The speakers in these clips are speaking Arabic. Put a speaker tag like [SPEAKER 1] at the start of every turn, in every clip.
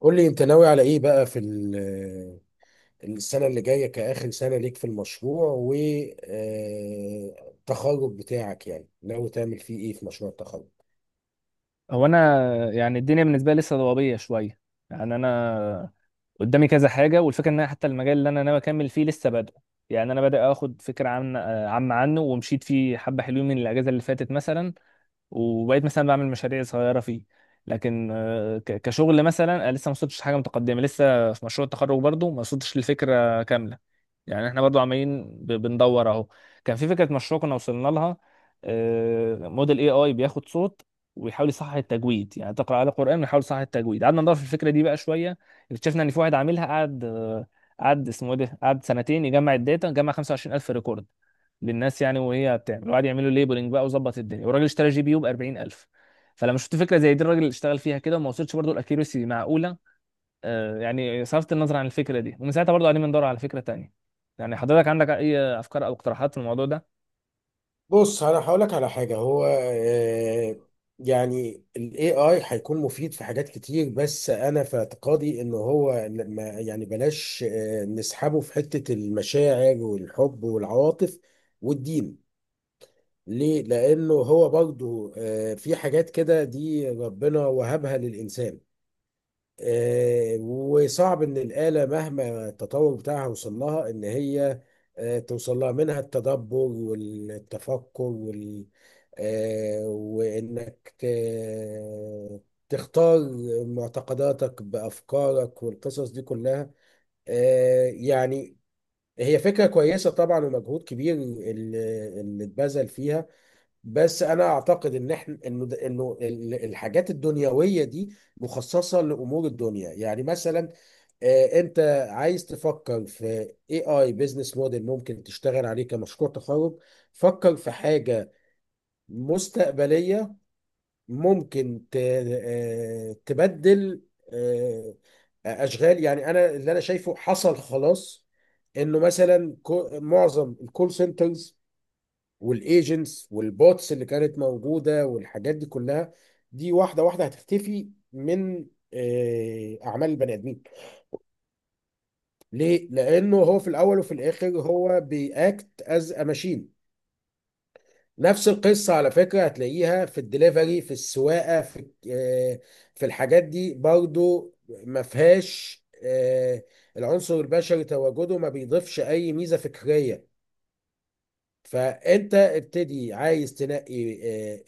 [SPEAKER 1] قول لي انت ناوي على ايه بقى السنة اللي جاية كآخر سنة ليك في المشروع والتخرج بتاعك، يعني ناوي تعمل فيه ايه في مشروع التخرج؟
[SPEAKER 2] هو انا يعني الدنيا بالنسبه لي لسه ضبابيه شويه. يعني انا قدامي كذا حاجه، والفكره ان انا حتى المجال اللي انا ناوي اكمل فيه لسه بادئ. يعني انا بادئ اخد فكره عامه عنه، ومشيت فيه حبه حلوين من الاجازه اللي فاتت مثلا، وبقيت مثلا بعمل مشاريع صغيره فيه. لكن كشغل مثلا أنا لسه ما وصلتش حاجه متقدمه، لسه في مشروع التخرج برضه ما وصلتش للفكره كامله. يعني احنا برضو عمالين بندور اهو. كان في فكره مشروع كنا وصلنا لها. موديل اي اي بياخد صوت ويحاول يصحح التجويد، يعني تقرا على قران ويحاول يصحح التجويد. قعدنا ندور في الفكره دي بقى شويه. اكتشفنا ان في واحد عاملها، قعد اسمه ايه ده، قعد سنتين يجمع الداتا، جمع 25000 ريكورد للناس، يعني وهي بتعمل، وقعد يعملوا ليبلنج بقى وظبط الدنيا، والراجل اشترى جي بي يو ب 40000. فلما شفت فكره زي دي الراجل اشتغل فيها كده وما وصلش برضه الاكيرسي معقوله. يعني صرفت النظر عن الفكره دي، ومن ساعتها برضو قاعدين بندور على فكره تانية. يعني حضرتك عندك اي افكار او اقتراحات في الموضوع ده؟
[SPEAKER 1] بص انا هقولك على حاجة. هو آه، يعني ال AI هيكون مفيد في حاجات كتير، بس انا في اعتقادي ان هو لما يعني بلاش نسحبه في حتة المشاعر والحب والعواطف والدين. ليه؟ لأنه هو برضه في حاجات كده دي ربنا وهبها للإنسان. وصعب إن الآلة مهما التطور بتاعها وصل لها إن هي توصل لها، منها التدبر والتفكر وال آه، وإنك تختار معتقداتك بأفكارك والقصص دي كلها. يعني هي فكرة كويسة طبعا، ومجهود كبير اللي اتبذل فيها. بس انا اعتقد ان احنا انه ده- انه ال- الحاجات الدنيويه دي مخصصه لامور الدنيا. يعني مثلا انت عايز تفكر في اي اي بزنس موديل ممكن تشتغل عليه كمشروع تخرج، فكر في حاجه مستقبليه ممكن تبدل آه، اشغال. يعني انا اللي انا شايفه حصل خلاص، انه مثلا معظم الكول سنترز والايجنتس والبوتس اللي كانت موجوده والحاجات دي كلها، دي واحده واحده هتختفي من اعمال البني ادمين. ليه؟ لانه هو في الاول وفي الاخر هو بياكت از ماشين. نفس القصه على فكره هتلاقيها في الدليفري، في السواقه، آه، في الحاجات دي برضو. ما فيهاش العنصر البشري، تواجده ما بيضيفش اي ميزه فكريه. فانت ابتدي عايز تنقي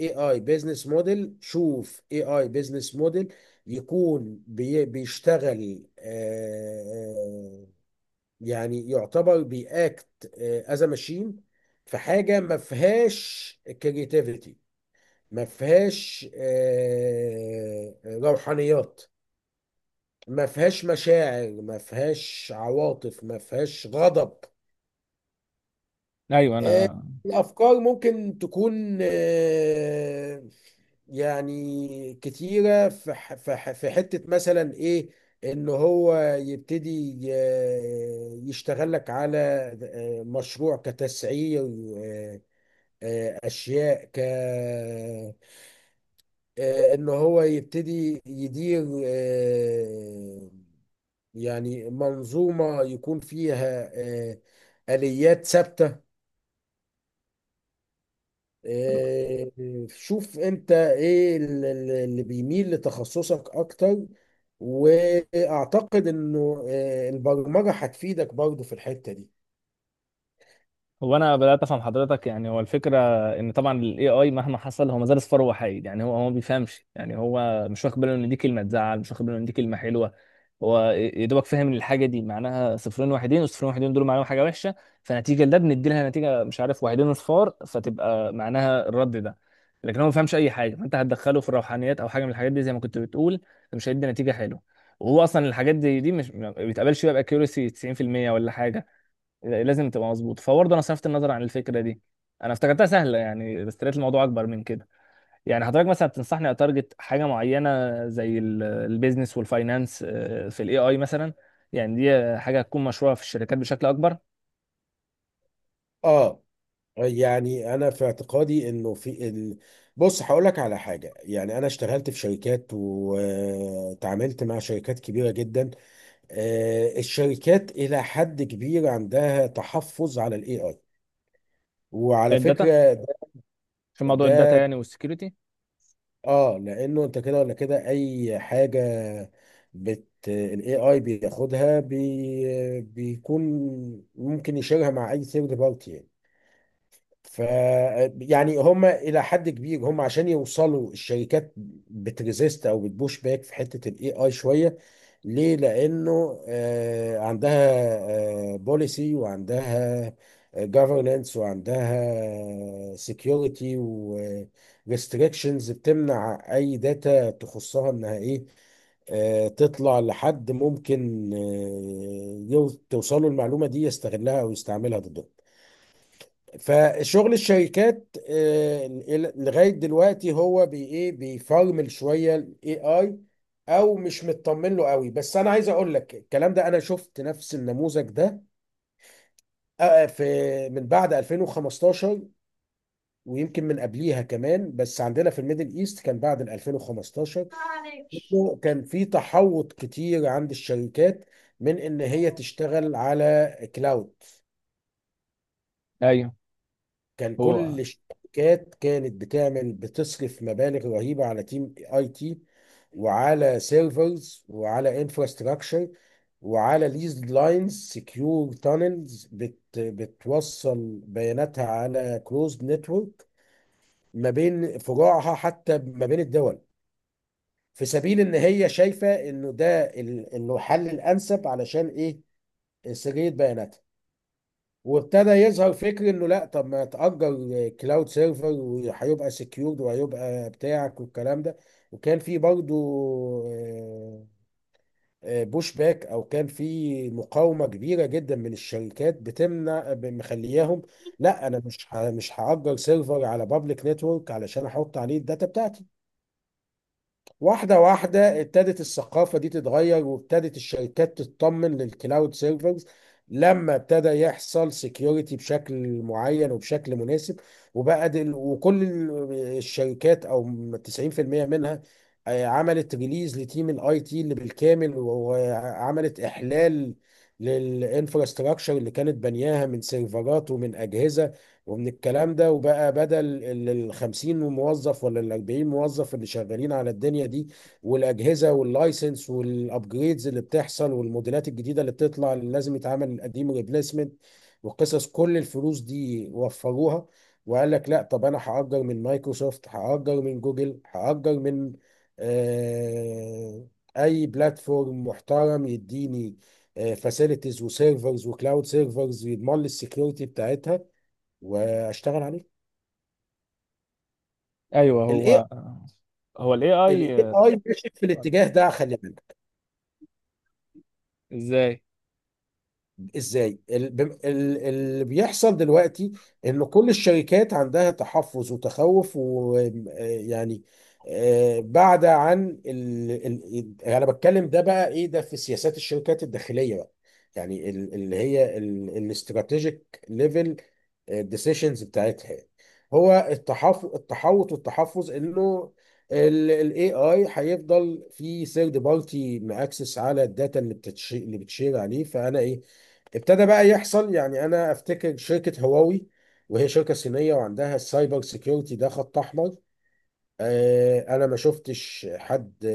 [SPEAKER 1] اي اي بيزنس موديل، شوف اي اي بيزنس موديل يكون بيشتغل، يعني يعتبر بياكت از ماشين، في حاجه ما فيهاش كرياتيفيتي، ما فيهاش روحانيات، ما فيهاش مشاعر، ما فيهاش عواطف، ما فيهاش غضب.
[SPEAKER 2] ايوه،
[SPEAKER 1] آه،
[SPEAKER 2] انا.
[SPEAKER 1] الأفكار ممكن تكون يعني كتيرة في حتة مثلا إيه، إن هو يبتدي يشتغل لك على مشروع كتسعير، آه، أشياء ك آه، إن هو يبتدي يدير يعني منظومة يكون فيها آه، آليات ثابتة. آه، شوف انت ايه اللي بيميل لتخصصك اكتر، واعتقد انه البرمجة هتفيدك برضو في الحتة دي.
[SPEAKER 2] هو انا بدات افهم حضرتك، يعني هو الفكره ان طبعا الاي اي مهما حصل هو ما زال صفر وحيد. يعني هو ما بيفهمش، يعني هو مش واخد باله ان دي كلمه تزعل، مش واخد باله ان دي كلمه حلوه. هو يا دوبك فاهم ان الحاجه دي معناها صفرين واحدين، والصفرين واحدين دول معناهم حاجه وحشه. فنتيجه لده بندي لها نتيجه، مش عارف، واحدين اصفار، فتبقى معناها الرد ده. لكن هو ما فهمش اي حاجه، فانت هتدخله في الروحانيات او حاجه من الحاجات دي زي ما كنت بتقول، فمش هيدي نتيجه حلوه. وهو اصلا الحاجات دي مش ما بيتقبلش بقى باكيورسي 90% ولا حاجه، لازم تبقى مظبوط. فبرضه انا صرفت النظر عن الفكره دي. انا افتكرتها سهله يعني، بس لقيت الموضوع اكبر من كده. يعني حضرتك مثلا بتنصحني اتارجت حاجه معينه زي البيزنس والفاينانس، في الاي اي مثلا؟ يعني دي حاجه هتكون مشروعه في الشركات بشكل اكبر.
[SPEAKER 1] اه، يعني انا في اعتقادي انه في ال... بص هقول لك على حاجه، يعني انا اشتغلت في شركات وتعاملت مع شركات كبيره جدا. الشركات الى حد كبير عندها تحفظ على الاي اي، وعلى
[SPEAKER 2] الداتا،
[SPEAKER 1] فكره
[SPEAKER 2] في موضوع
[SPEAKER 1] ده.
[SPEAKER 2] الداتا يعني، والسكيورتي.
[SPEAKER 1] اه، لانه انت كده ولا كده اي حاجه بت الاي اي بياخدها بيكون ممكن يشيرها مع اي ثيرد بارتي يعني. ف يعني هم الى حد كبير، هم عشان يوصلوا الشركات بتريزيست او بتبوش باك في حته الاي اي شويه. ليه؟ لأنه عندها بوليسي، وعندها governance، وعندها security، و restrictions بتمنع أي داتا تخصها إنها إيه، تطلع لحد ممكن توصله المعلومة دي يستغلها أو يستعملها ضده. فشغل الشركات لغايه دلوقتي هو بي ايه بيفرمل شويه الاي اي، او مش مطمن له قوي. بس انا عايز اقول لك الكلام ده، انا شفت نفس النموذج ده في من بعد 2015، ويمكن من قبليها كمان، بس عندنا في الميدل ايست كان بعد ال 2015. إنه كان في تحوط كتير عند الشركات من ان هي تشتغل على كلاود.
[SPEAKER 2] ايوه،
[SPEAKER 1] كان
[SPEAKER 2] هو.
[SPEAKER 1] كل الشركات كانت بتعمل بتصرف مبالغ رهيبة على تيم اي تي، وعلى سيرفرز، وعلى انفراستراكشر، وعلى ليز لاينز سكيور تانلز بت بتوصل بياناتها على كلوزد نتورك ما بين فروعها، حتى ما بين الدول، في سبيل ان هي شايفة انه انه الحل الانسب علشان ايه، سرية بياناتها. وابتدى يظهر فكر انه لا طب ما تأجر كلاود سيرفر وهيبقى سكيورد وهيبقى بتاعك والكلام ده. وكان في برضه بوش باك، او كان في مقاومه كبيره جدا من الشركات بتمنع مخلياهم، لا انا مش هأجر سيرفر على بابليك نتورك علشان احط عليه الداتا بتاعتي. واحدة واحدة ابتدت الثقافة دي تتغير، وابتدت الشركات تطمن للكلاود سيرفرز لما ابتدى يحصل سكيورتي بشكل معين وبشكل مناسب، وبقى دل وكل الشركات، او 90% منها عملت ريليز لتيم الاي تي اللي بالكامل، وعملت احلال للانفراستراكشر اللي كانت بنياها من سيرفرات ومن اجهزة ومن الكلام ده. وبقى بدل ال 50 موظف ولا ال 40 موظف اللي شغالين على الدنيا دي والاجهزه واللايسنس والابجريدز اللي بتحصل والموديلات الجديده اللي بتطلع اللي لازم يتعمل القديم ريبليسمنت وقصص كل الفلوس دي، وفروها. وقال لك لا طب انا هاجر من مايكروسوفت، هاجر من جوجل، هاجر من آه، اي بلاتفورم محترم يديني فاسيلتيز وسيرفرز وكلاود سيرفرز يضمن لي السكيورتي بتاعتها، واشتغل عليه.
[SPEAKER 2] ايوه،
[SPEAKER 1] الاي
[SPEAKER 2] هو الاي اي.
[SPEAKER 1] الاي اي ماشي في الاتجاه ده، خلي بالك.
[SPEAKER 2] ازاي؟
[SPEAKER 1] ازاي؟ اللي بيحصل دلوقتي ان كل الشركات عندها تحفظ وتخوف، ويعني بعد عن انا بتكلم ده بقى ايه ده، في سياسات الشركات الداخليه بقى، يعني اللي هي الاستراتيجيك ليفل الديسيشنز بتاعتها. هو التحوط والتحفظ انه الاي اي هيفضل في ثيرد بارتي ماكسس على الداتا اللي بتشير عليه. فانا ايه، ابتدى بقى يحصل. يعني انا افتكر شركه هواوي، وهي شركه صينيه وعندها السايبر سيكيورتي ده خط احمر. انا ما شفتش حد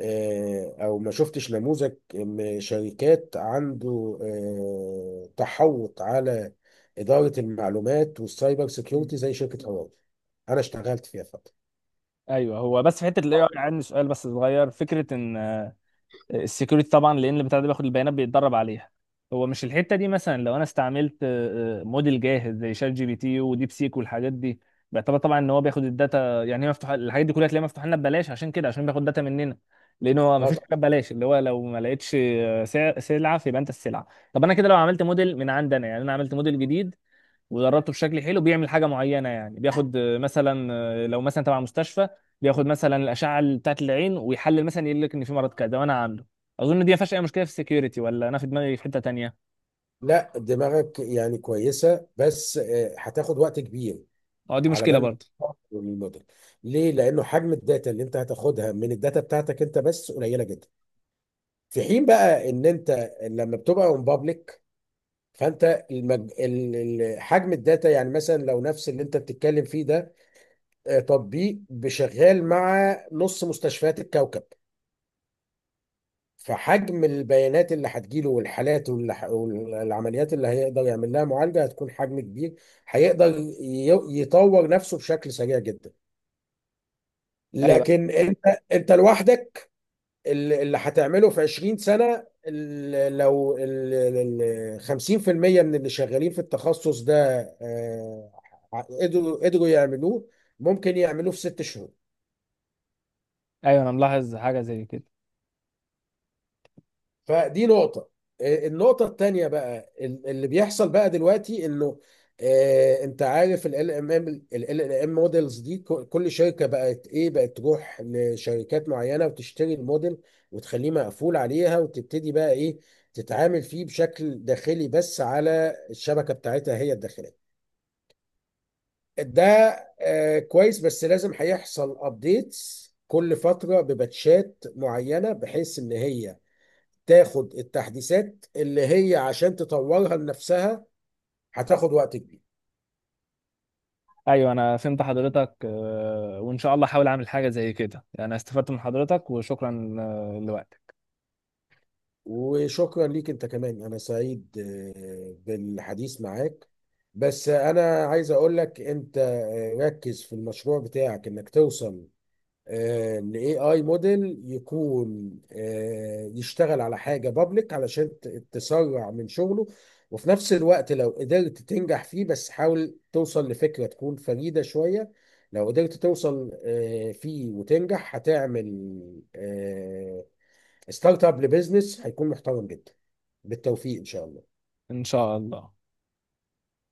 [SPEAKER 1] او ما شفتش نموذج شركات عنده تحوط على اداره المعلومات والسايبر
[SPEAKER 2] مم.
[SPEAKER 1] سيكيورتي زي شركه هواوي. انا اشتغلت فيها فتره.
[SPEAKER 2] ايوه، هو بس في حته الاي
[SPEAKER 1] آه،
[SPEAKER 2] اي عندي سؤال بس صغير، فكره ان السكيورتي طبعا، لان البتاع ده بياخد البيانات بيتدرب عليها، هو مش الحته دي مثلا لو انا استعملت موديل جاهز زي شات جي بي تي وديب سيك والحاجات دي، بيعتبر طبعا ان هو بياخد الداتا. يعني هي مفتوحه، الحاجات دي كلها تلاقيها مفتوحه لنا ببلاش، عشان كده، عشان بياخد داتا مننا، لان هو ما
[SPEAKER 1] اه
[SPEAKER 2] فيش
[SPEAKER 1] طبعا.
[SPEAKER 2] حاجه ببلاش، اللي هو لو ما لقيتش سلعه فيبقى انت السلعه. طب انا كده لو عملت موديل من عندنا، يعني انا عملت موديل جديد ودربته بشكل حلو بيعمل حاجه معينه، يعني بياخد مثلا، لو مثلا تبع مستشفى، بياخد مثلا الاشعه بتاعت العين ويحلل، مثلا يقول لك ان في مرض كذا وانا عامله. اظن دي ما فيهاش اي مشكله في السكيورتي، ولا انا في دماغي في حته تانية؟
[SPEAKER 1] لا دماغك يعني كويسه، بس هتاخد وقت كبير
[SPEAKER 2] اه، دي
[SPEAKER 1] على
[SPEAKER 2] مشكله
[SPEAKER 1] بال ما
[SPEAKER 2] برضه.
[SPEAKER 1] تطور الموديل. ليه؟ لانه حجم الداتا اللي انت هتاخدها من الداتا بتاعتك انت بس قليله جدا، في حين بقى ان انت لما بتبقى اون، فانت حجم الداتا، يعني مثلا لو نفس اللي انت بتتكلم فيه ده تطبيق بشغال مع نص مستشفيات الكوكب، فحجم البيانات اللي هتجيله والحالات والعمليات اللي هيقدر يعمل لها معالجة هتكون حجم كبير، هيقدر يطور نفسه بشكل سريع جدا.
[SPEAKER 2] ايوه.
[SPEAKER 1] لكن انت لوحدك، اللي هتعمله في 20 سنة، لو 50% من اللي شغالين في التخصص ده آه، قدروا يعملوه، ممكن يعملوه في ست شهور.
[SPEAKER 2] ايوه، انا ملاحظ حاجه زي كده.
[SPEAKER 1] فدي نقطة. النقطة التانية بقى، اللي بيحصل بقى دلوقتي انه انت عارف ال ام موديلز دي، كل شركة بقت ايه، بقت تروح لشركات معينة وتشتري الموديل وتخليه مقفول عليها، وتبتدي بقى ايه، تتعامل فيه بشكل داخلي بس على الشبكة بتاعتها هي الداخلية ده. كويس، بس لازم هيحصل ابديتس كل فترة بباتشات معينة بحيث ان هي تاخد التحديثات اللي هي عشان تطورها لنفسها، هتاخد وقت كبير.
[SPEAKER 2] ايوه، انا فهمت حضرتك. وان شاء الله احاول اعمل حاجه زي كده، يعني استفدت من حضرتك. وشكرا لوقتك.
[SPEAKER 1] وشكرا ليك انت كمان، انا سعيد بالحديث معاك. بس انا عايز اقول لك انت ركز في المشروع بتاعك، انك توصل الاي اي موديل يكون يشتغل على حاجه بابليك علشان تسرع من شغله، وفي نفس الوقت لو قدرت تنجح فيه. بس حاول توصل لفكره تكون فريده شويه، لو قدرت توصل فيه وتنجح، هتعمل ستارت اب لبزنس هيكون محترم جدا. بالتوفيق ان شاء الله.
[SPEAKER 2] ان شاء الله.